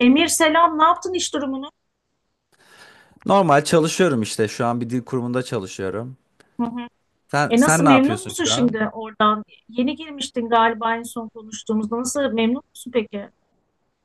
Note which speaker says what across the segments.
Speaker 1: Emir selam, ne yaptın iş durumunu?
Speaker 2: Normal çalışıyorum işte. Şu an bir dil kurumunda çalışıyorum.
Speaker 1: Hı hı.
Speaker 2: Sen sen
Speaker 1: Nasıl
Speaker 2: ne
Speaker 1: memnun
Speaker 2: yapıyorsun
Speaker 1: musun
Speaker 2: şu an?
Speaker 1: şimdi oradan? Yeni girmiştin galiba en son konuştuğumuzda. Nasıl memnun musun peki?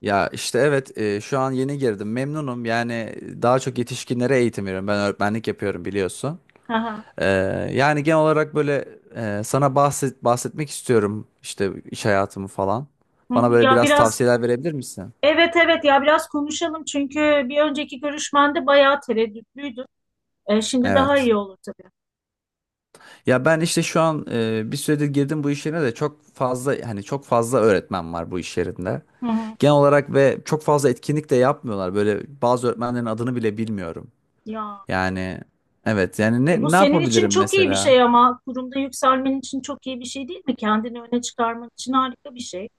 Speaker 2: Ya işte evet şu an yeni girdim. Memnunum. Yani daha çok yetişkinlere eğitim veriyorum. Ben öğretmenlik yapıyorum biliyorsun.
Speaker 1: Hı hı.
Speaker 2: Ee, Yani genel olarak böyle sana bahsetmek istiyorum işte iş hayatımı falan.
Speaker 1: Hı hı.
Speaker 2: Bana böyle
Speaker 1: Ya
Speaker 2: biraz
Speaker 1: biraz
Speaker 2: tavsiyeler verebilir misin?
Speaker 1: Evet, evet, ya biraz konuşalım çünkü bir önceki görüşmende bayağı tereddütlüydün. Şimdi daha
Speaker 2: Evet.
Speaker 1: iyi olur tabii.
Speaker 2: Ya ben işte şu an bir süredir girdim bu iş yerine de çok fazla hani çok fazla öğretmen var bu iş yerinde.
Speaker 1: Hı hı.
Speaker 2: Genel olarak ve çok fazla etkinlik de yapmıyorlar. Böyle bazı öğretmenlerin adını bile bilmiyorum.
Speaker 1: Ya
Speaker 2: Yani evet yani
Speaker 1: bu
Speaker 2: ne
Speaker 1: senin için
Speaker 2: yapabilirim
Speaker 1: çok iyi bir
Speaker 2: mesela?
Speaker 1: şey ama kurumda yükselmen için çok iyi bir şey değil mi? Kendini öne çıkarman için harika bir şey.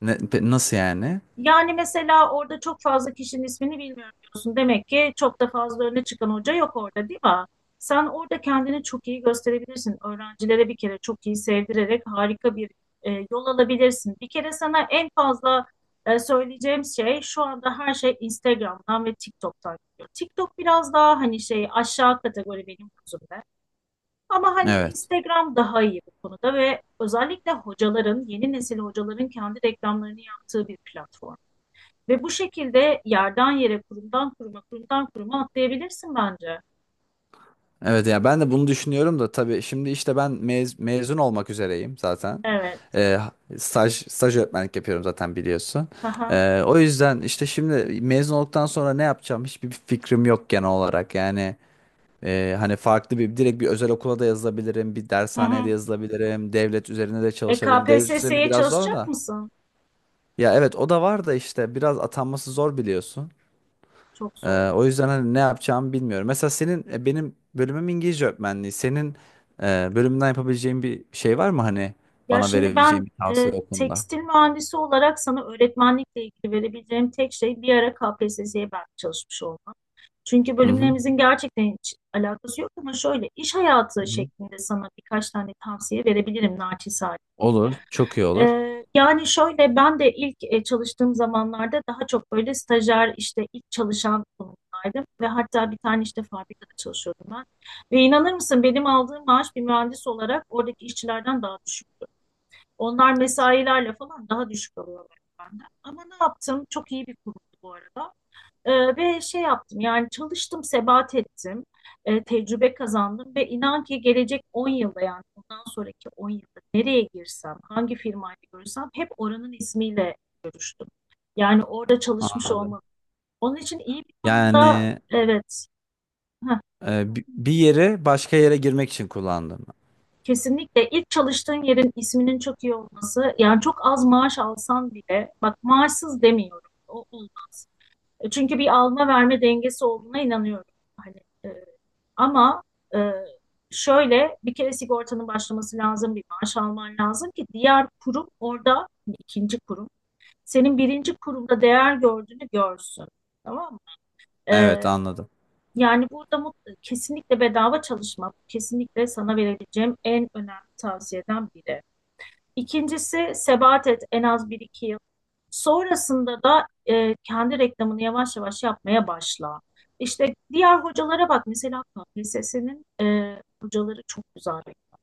Speaker 2: Ne, nasıl yani?
Speaker 1: Yani mesela orada çok fazla kişinin ismini bilmiyorum diyorsun. Demek ki çok da fazla öne çıkan hoca yok orada değil mi? Sen orada kendini çok iyi gösterebilirsin. Öğrencilere bir kere çok iyi sevdirerek harika bir yol alabilirsin. Bir kere sana en fazla söyleyeceğim şey, şu anda her şey Instagram'dan ve TikTok'tan geliyor. TikTok biraz daha hani şey, aşağı kategori benim gözümde. Ama hani
Speaker 2: Evet.
Speaker 1: Instagram daha iyi bu konuda ve özellikle hocaların, yeni nesil hocaların kendi reklamlarını yaptığı bir platform. Ve bu şekilde yerden yere, kurumdan kuruma, kurumdan kuruma atlayabilirsin bence.
Speaker 2: Evet ya ben de bunu düşünüyorum da tabii şimdi işte ben mezun olmak üzereyim zaten.
Speaker 1: Evet.
Speaker 2: Ee, staj öğretmenlik yapıyorum zaten biliyorsun.
Speaker 1: Aha.
Speaker 2: O yüzden işte şimdi mezun olduktan sonra ne yapacağım hiçbir fikrim yok genel olarak. Yani hani farklı bir direkt bir özel okula da yazılabilirim, bir
Speaker 1: Hı
Speaker 2: dershaneye de
Speaker 1: hı.
Speaker 2: yazılabilirim, devlet üzerine de çalışabilirim. Devlet üzerine
Speaker 1: KPSS'ye
Speaker 2: biraz zor
Speaker 1: çalışacak
Speaker 2: da.
Speaker 1: mısın?
Speaker 2: Ya evet o da var da işte biraz atanması zor biliyorsun.
Speaker 1: Çok zor.
Speaker 2: O yüzden hani ne yapacağımı bilmiyorum. Mesela senin benim bölümüm İngilizce öğretmenliği. Senin bölümünden yapabileceğin bir şey var mı hani
Speaker 1: Ya
Speaker 2: bana
Speaker 1: şimdi ben
Speaker 2: verebileceğin bir tavsiye o konuda?
Speaker 1: tekstil mühendisi olarak sana öğretmenlikle ilgili verebileceğim tek şey bir ara KPSS'ye ben çalışmış olmam. Çünkü
Speaker 2: Hı hı.
Speaker 1: bölümlerimizin gerçekten hiç alakası yok, ama şöyle iş hayatı
Speaker 2: Hı hı.
Speaker 1: şeklinde sana birkaç tane tavsiye verebilirim naçizane.
Speaker 2: Olur, çok iyi olur.
Speaker 1: Yani şöyle, ben de ilk çalıştığım zamanlarda daha çok böyle stajyer, işte ilk çalışan konumdaydım ve hatta bir tane işte fabrikada çalışıyordum ben. Ve inanır mısın, benim aldığım maaş bir mühendis olarak oradaki işçilerden daha düşük. Onlar mesailerle falan daha düşük alıyorlar benden. Ama ne yaptım? Çok iyi bir kurumdu bu arada. Ve şey yaptım, yani çalıştım, sebat ettim, tecrübe kazandım ve inan ki gelecek 10 yılda, yani bundan sonraki 10 yılda, nereye girsem, hangi firmayla görüşsem hep oranın ismiyle görüştüm. Yani orada çalışmış
Speaker 2: Anladım.
Speaker 1: olmalı. Onun için iyi bir kurumda,
Speaker 2: Yani
Speaker 1: evet, heh,
Speaker 2: bir yeri başka yere girmek için kullandım.
Speaker 1: kesinlikle ilk çalıştığın yerin isminin çok iyi olması, yani çok az maaş alsan bile, bak, maaşsız demiyorum, o olmaz. Çünkü bir alma verme dengesi olduğuna inanıyorum. Hani e, ama e, şöyle, bir kere sigortanın başlaması lazım, bir maaş alman lazım ki diğer kurum orada, hani ikinci kurum, senin birinci kurumda değer gördüğünü görsün. Tamam mı? E,
Speaker 2: Evet anladım.
Speaker 1: Yani burada kesinlikle bedava çalışmak, kesinlikle sana verebileceğim en önemli tavsiyeden biri. İkincisi sebat et en az bir iki yıl. Sonrasında da kendi reklamını yavaş yavaş yapmaya başla. İşte diğer hocalara bak, mesela KPSS'nin hocaları çok güzel reklam.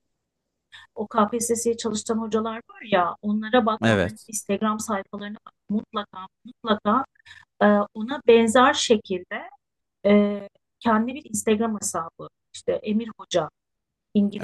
Speaker 1: O KPSS'ye çalışan hocalar var ya, onlara bak, onların
Speaker 2: Evet.
Speaker 1: Instagram sayfalarına bak, mutlaka mutlaka e, ona benzer şekilde e, kendi bir Instagram hesabı, İşte Emir Hoca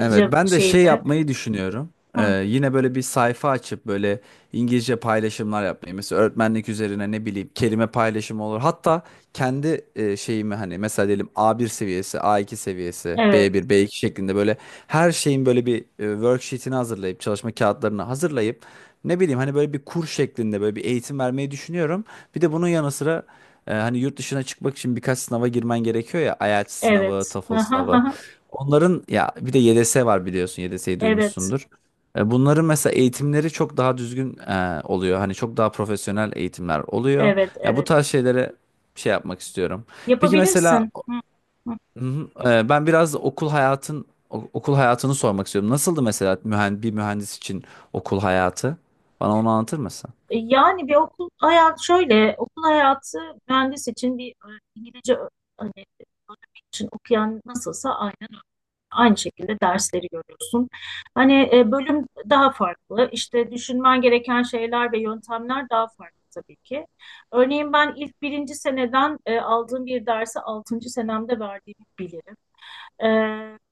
Speaker 2: Evet, ben de şey
Speaker 1: şeyde.
Speaker 2: yapmayı düşünüyorum.
Speaker 1: Hı,
Speaker 2: Yine böyle bir sayfa açıp böyle İngilizce paylaşımlar yapmayı. Mesela öğretmenlik üzerine ne bileyim kelime paylaşımı olur. Hatta kendi şeyimi hani mesela diyelim A1 seviyesi, A2 seviyesi,
Speaker 1: evet,
Speaker 2: B1, B2 şeklinde böyle her şeyin böyle bir worksheet'ini hazırlayıp çalışma kağıtlarını hazırlayıp ne bileyim hani böyle bir kur şeklinde böyle bir eğitim vermeyi düşünüyorum. Bir de bunun yanı sıra hani yurt dışına çıkmak için birkaç sınava girmen gerekiyor ya. IELTS sınavı,
Speaker 1: evet.
Speaker 2: TOEFL sınavı. Onların ya bir de YDS var biliyorsun. YDS'yi
Speaker 1: Evet.
Speaker 2: duymuşsundur. Bunların mesela eğitimleri çok daha düzgün oluyor. Hani çok daha profesyonel eğitimler oluyor.
Speaker 1: Evet,
Speaker 2: Ya bu
Speaker 1: evet.
Speaker 2: tarz şeylere şey yapmak istiyorum. Peki mesela
Speaker 1: Yapabilirsin. Hı, hı.
Speaker 2: hı hı, ben biraz da okul hayatını sormak istiyorum. Nasıldı mesela bir mühendis için okul hayatı? Bana onu anlatır mısın?
Speaker 1: Yani bir okul hayatı şöyle, okul hayatı mühendis için bir İngilizce hani, öğrenmek için okuyan nasılsa aynen öyle. Aynı şekilde dersleri görüyorsun. Hani bölüm daha farklı. İşte düşünmen gereken şeyler ve yöntemler daha farklı tabii ki. Örneğin ben ilk birinci seneden aldığım bir dersi altıncı senemde verdiğimi bilirim. Ee,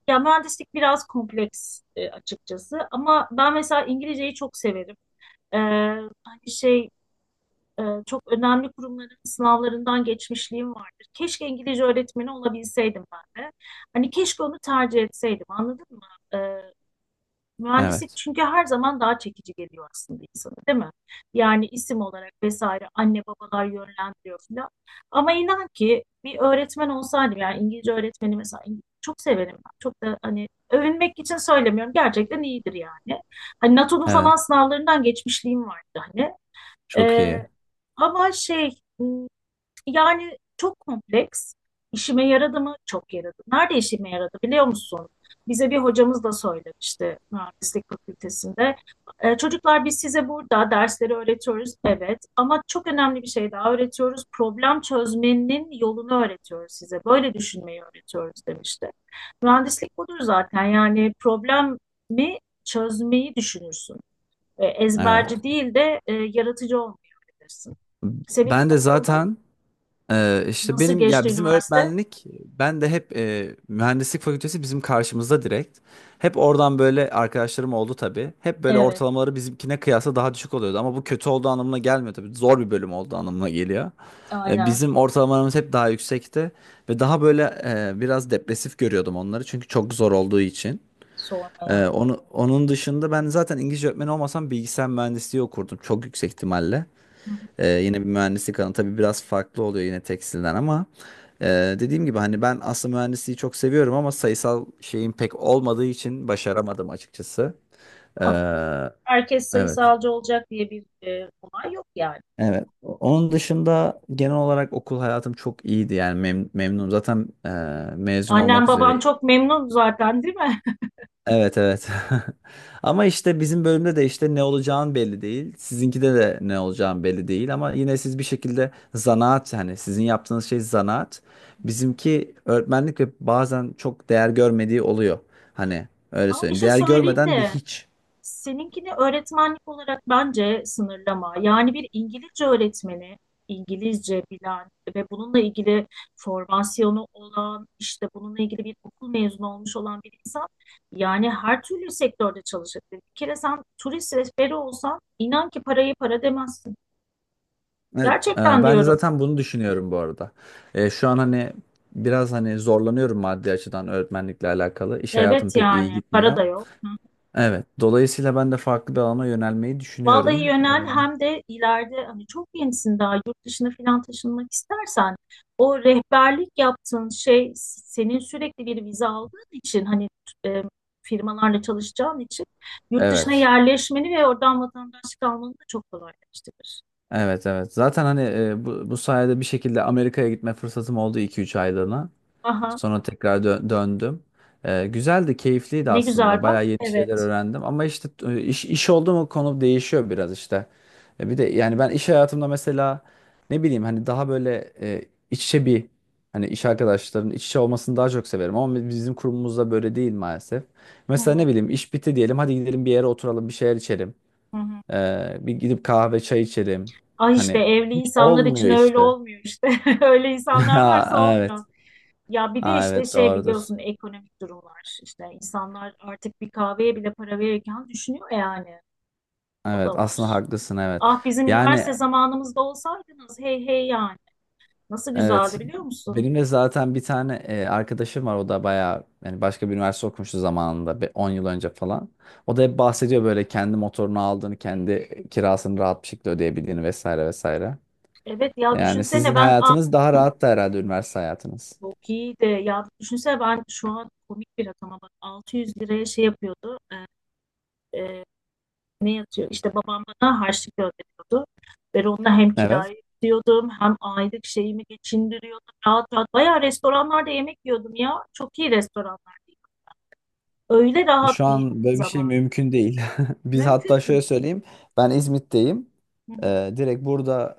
Speaker 1: Ya mühendislik biraz kompleks açıkçası, ama ben mesela İngilizceyi çok severim. Ee, Hani şey, çok önemli kurumların sınavlarından geçmişliğim vardır. Keşke İngilizce öğretmeni olabilseydim ben de. Hani keşke onu tercih etseydim, anladın mı? Mühendislik
Speaker 2: Evet.
Speaker 1: çünkü her zaman daha çekici geliyor aslında insana, değil mi? Yani isim olarak vesaire, anne babalar yönlendiriyor falan. Ama inan ki bir öğretmen olsaydım, yani İngilizce öğretmeni mesela, İngilizce çok severim ben. Çok da hani, övünmek için söylemiyorum, gerçekten iyidir yani. Hani NATO'nun falan
Speaker 2: Evet.
Speaker 1: sınavlarından geçmişliğim vardı hani.
Speaker 2: Çok
Speaker 1: Ee,
Speaker 2: iyi.
Speaker 1: Ama şey, hmm, yani çok kompleks. İşime yaradı mı? Çok yaradı. Nerede işime yaradı biliyor musun? Bize bir hocamız da söylemişti mühendislik fakültesinde. Çocuklar, biz size burada dersleri öğretiyoruz, evet, ama çok önemli bir şey daha öğretiyoruz. Problem çözmenin yolunu öğretiyoruz size. Böyle düşünmeyi öğretiyoruz demişti. Mühendislik budur zaten. Yani problemi çözmeyi düşünürsün.
Speaker 2: Evet.
Speaker 1: Ezberci değil de yaratıcı olmayı öğretirsin. Seninki
Speaker 2: Ben de
Speaker 1: nasıldı?
Speaker 2: zaten işte
Speaker 1: Nasıl
Speaker 2: benim ya
Speaker 1: geçti
Speaker 2: bizim
Speaker 1: üniversite?
Speaker 2: öğretmenlik ben de hep mühendislik fakültesi bizim karşımızda direkt. Hep oradan böyle arkadaşlarım oldu tabii. Hep böyle
Speaker 1: Evet,
Speaker 2: ortalamaları bizimkine kıyasla daha düşük oluyordu ama bu kötü olduğu anlamına gelmiyor tabii. Zor bir bölüm olduğu anlamına geliyor.
Speaker 1: aynen.
Speaker 2: Bizim ortalamalarımız hep daha yüksekti ve daha böyle biraz depresif görüyordum onları çünkü çok zor olduğu için.
Speaker 1: Sormaya.
Speaker 2: Onun dışında ben zaten İngilizce öğretmeni olmasam bilgisayar mühendisliği okurdum çok yüksek ihtimalle.
Speaker 1: Hı hı.
Speaker 2: Yine bir mühendislik alanı. Tabii biraz farklı oluyor yine tekstilden ama e, dediğim gibi hani ben aslında mühendisliği çok seviyorum ama sayısal şeyin pek olmadığı için başaramadım açıkçası. Ee,
Speaker 1: Olsun. Herkes
Speaker 2: evet.
Speaker 1: sayısalcı olacak diye bir olay yok yani.
Speaker 2: Evet. Onun dışında genel olarak okul hayatım çok iyiydi yani memnunum. Zaten mezun
Speaker 1: Annen
Speaker 2: olmak üzere.
Speaker 1: baban çok memnun zaten değil mi?
Speaker 2: Evet evet. Ama işte bizim bölümde de işte ne olacağın belli değil. Sizinkide de ne olacağın belli değil ama yine siz bir şekilde zanaat yani sizin yaptığınız şey zanaat. Bizimki öğretmenlik ve bazen çok değer görmediği oluyor. Hani öyle
Speaker 1: Ama bir
Speaker 2: söyleyeyim.
Speaker 1: şey
Speaker 2: Değer
Speaker 1: söyleyeyim
Speaker 2: görmeden bir
Speaker 1: de,
Speaker 2: hiç.
Speaker 1: seninkini öğretmenlik olarak bence sınırlama. Yani bir İngilizce öğretmeni, İngilizce bilen ve bununla ilgili formasyonu olan, işte bununla ilgili bir okul mezunu olmuş olan bir insan, yani her türlü sektörde çalışabilir. Bir kere sen turist rehberi olsan, inan ki parayı para demezsin.
Speaker 2: Evet,
Speaker 1: Gerçekten
Speaker 2: ben de
Speaker 1: diyorum.
Speaker 2: zaten bunu düşünüyorum bu arada. Şu an hani biraz hani zorlanıyorum maddi açıdan öğretmenlikle alakalı. İş hayatım
Speaker 1: Evet
Speaker 2: pek iyi
Speaker 1: yani, para
Speaker 2: gitmiyor.
Speaker 1: da yok.
Speaker 2: Evet, dolayısıyla ben de farklı bir alana yönelmeyi
Speaker 1: Vallahi
Speaker 2: düşünüyorum. E,
Speaker 1: yönel, hem de ileride, hani çok gençsin daha, yurt dışına falan taşınmak istersen, o rehberlik yaptığın şey, senin sürekli bir vize aldığın için, hani e, firmalarla çalışacağın için, yurt dışına
Speaker 2: Evet.
Speaker 1: yerleşmeni ve oradan vatandaşlık almanı da çok kolaylaştırır.
Speaker 2: Evet evet. Zaten hani bu sayede bir şekilde Amerika'ya gitme fırsatım oldu iki üç aylığına.
Speaker 1: Aha,
Speaker 2: Sonra tekrar döndüm. Güzeldi, keyifliydi
Speaker 1: ne
Speaker 2: aslında.
Speaker 1: güzel bak.
Speaker 2: Bayağı yeni şeyler
Speaker 1: Evet.
Speaker 2: öğrendim. Ama işte iş oldu mu konu değişiyor biraz işte. Bir de yani ben iş hayatımda mesela ne bileyim hani daha böyle iç içe bir hani iş arkadaşlarının iç içe olmasını daha çok severim. Ama bizim kurumumuzda böyle değil maalesef.
Speaker 1: Hı
Speaker 2: Mesela
Speaker 1: hı,
Speaker 2: ne bileyim iş bitti diyelim hadi gidelim bir yere oturalım bir şeyler içelim.
Speaker 1: hı hı.
Speaker 2: Bir gidip kahve çay içelim.
Speaker 1: Ah işte,
Speaker 2: Hani
Speaker 1: evli
Speaker 2: hiç
Speaker 1: insanlar için
Speaker 2: olmuyor
Speaker 1: öyle
Speaker 2: işte.
Speaker 1: olmuyor işte. Öyle insanlar varsa
Speaker 2: Ha, evet.
Speaker 1: olmuyor. Ya bir de
Speaker 2: Ha,
Speaker 1: işte
Speaker 2: evet
Speaker 1: şey,
Speaker 2: doğrudur.
Speaker 1: biliyorsun, ekonomik durumlar. İşte insanlar artık bir kahveye bile para verirken düşünüyor yani. O
Speaker 2: Evet
Speaker 1: da var.
Speaker 2: aslında haklısın evet.
Speaker 1: Ah, bizim üniversite
Speaker 2: Yani
Speaker 1: zamanımızda olsaydınız, hey hey yani. Nasıl
Speaker 2: evet
Speaker 1: güzeldi biliyor musun?
Speaker 2: benim de zaten bir tane arkadaşım var o da bayağı yani başka bir üniversite okumuştu zamanında bir 10 yıl önce falan. O da hep bahsediyor böyle kendi motorunu aldığını, kendi kirasını rahat bir şekilde ödeyebildiğini vesaire vesaire.
Speaker 1: Evet ya,
Speaker 2: Yani
Speaker 1: düşünsene
Speaker 2: sizin
Speaker 1: ben, ah,
Speaker 2: hayatınız daha rahattı herhalde üniversite hayatınız.
Speaker 1: çok iyiydi. Ya düşünsene, ben şu an komik bir rakama bak, 600 liraya şey yapıyordu. Ne yatıyor? İşte babam bana harçlık gönderiyordu. Ben onunla hem
Speaker 2: Evet.
Speaker 1: kirayı ödüyordum, hem aylık şeyimi geçindiriyordum. Rahat rahat. Bayağı restoranlarda yemek yiyordum ya. Çok iyi restoranlarda. Öyle
Speaker 2: Şu
Speaker 1: rahat bir
Speaker 2: an böyle bir
Speaker 1: zaman.
Speaker 2: şey mümkün değil. Biz hatta
Speaker 1: Mümkün
Speaker 2: şöyle
Speaker 1: değil.
Speaker 2: söyleyeyim. Ben İzmit'teyim.
Speaker 1: Hı hı.
Speaker 2: Direkt burada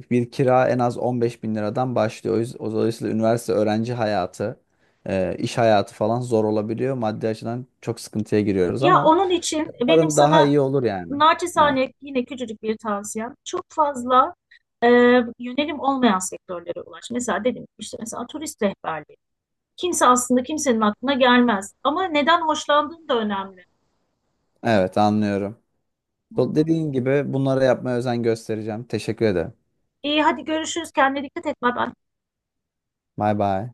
Speaker 2: bir kira en az 15 bin liradan başlıyor. Dolayısıyla üniversite öğrenci hayatı, iş hayatı falan zor olabiliyor. Maddi açıdan çok sıkıntıya giriyoruz
Speaker 1: Ya
Speaker 2: ama
Speaker 1: onun için benim
Speaker 2: umarım daha
Speaker 1: sana
Speaker 2: iyi olur yani. Evet.
Speaker 1: naçizane yine küçücük bir tavsiyem. Çok fazla e, yönelim olmayan sektörlere ulaş. Mesela dedim ki, işte mesela turist rehberliği. Kimse aslında, kimsenin aklına gelmez. Ama neden hoşlandığın da önemli.
Speaker 2: Evet anlıyorum. Dediğin gibi bunlara yapmaya özen göstereceğim. Teşekkür ederim.
Speaker 1: İyi, hadi görüşürüz. Kendine dikkat et. Bay bay.
Speaker 2: Bay bay.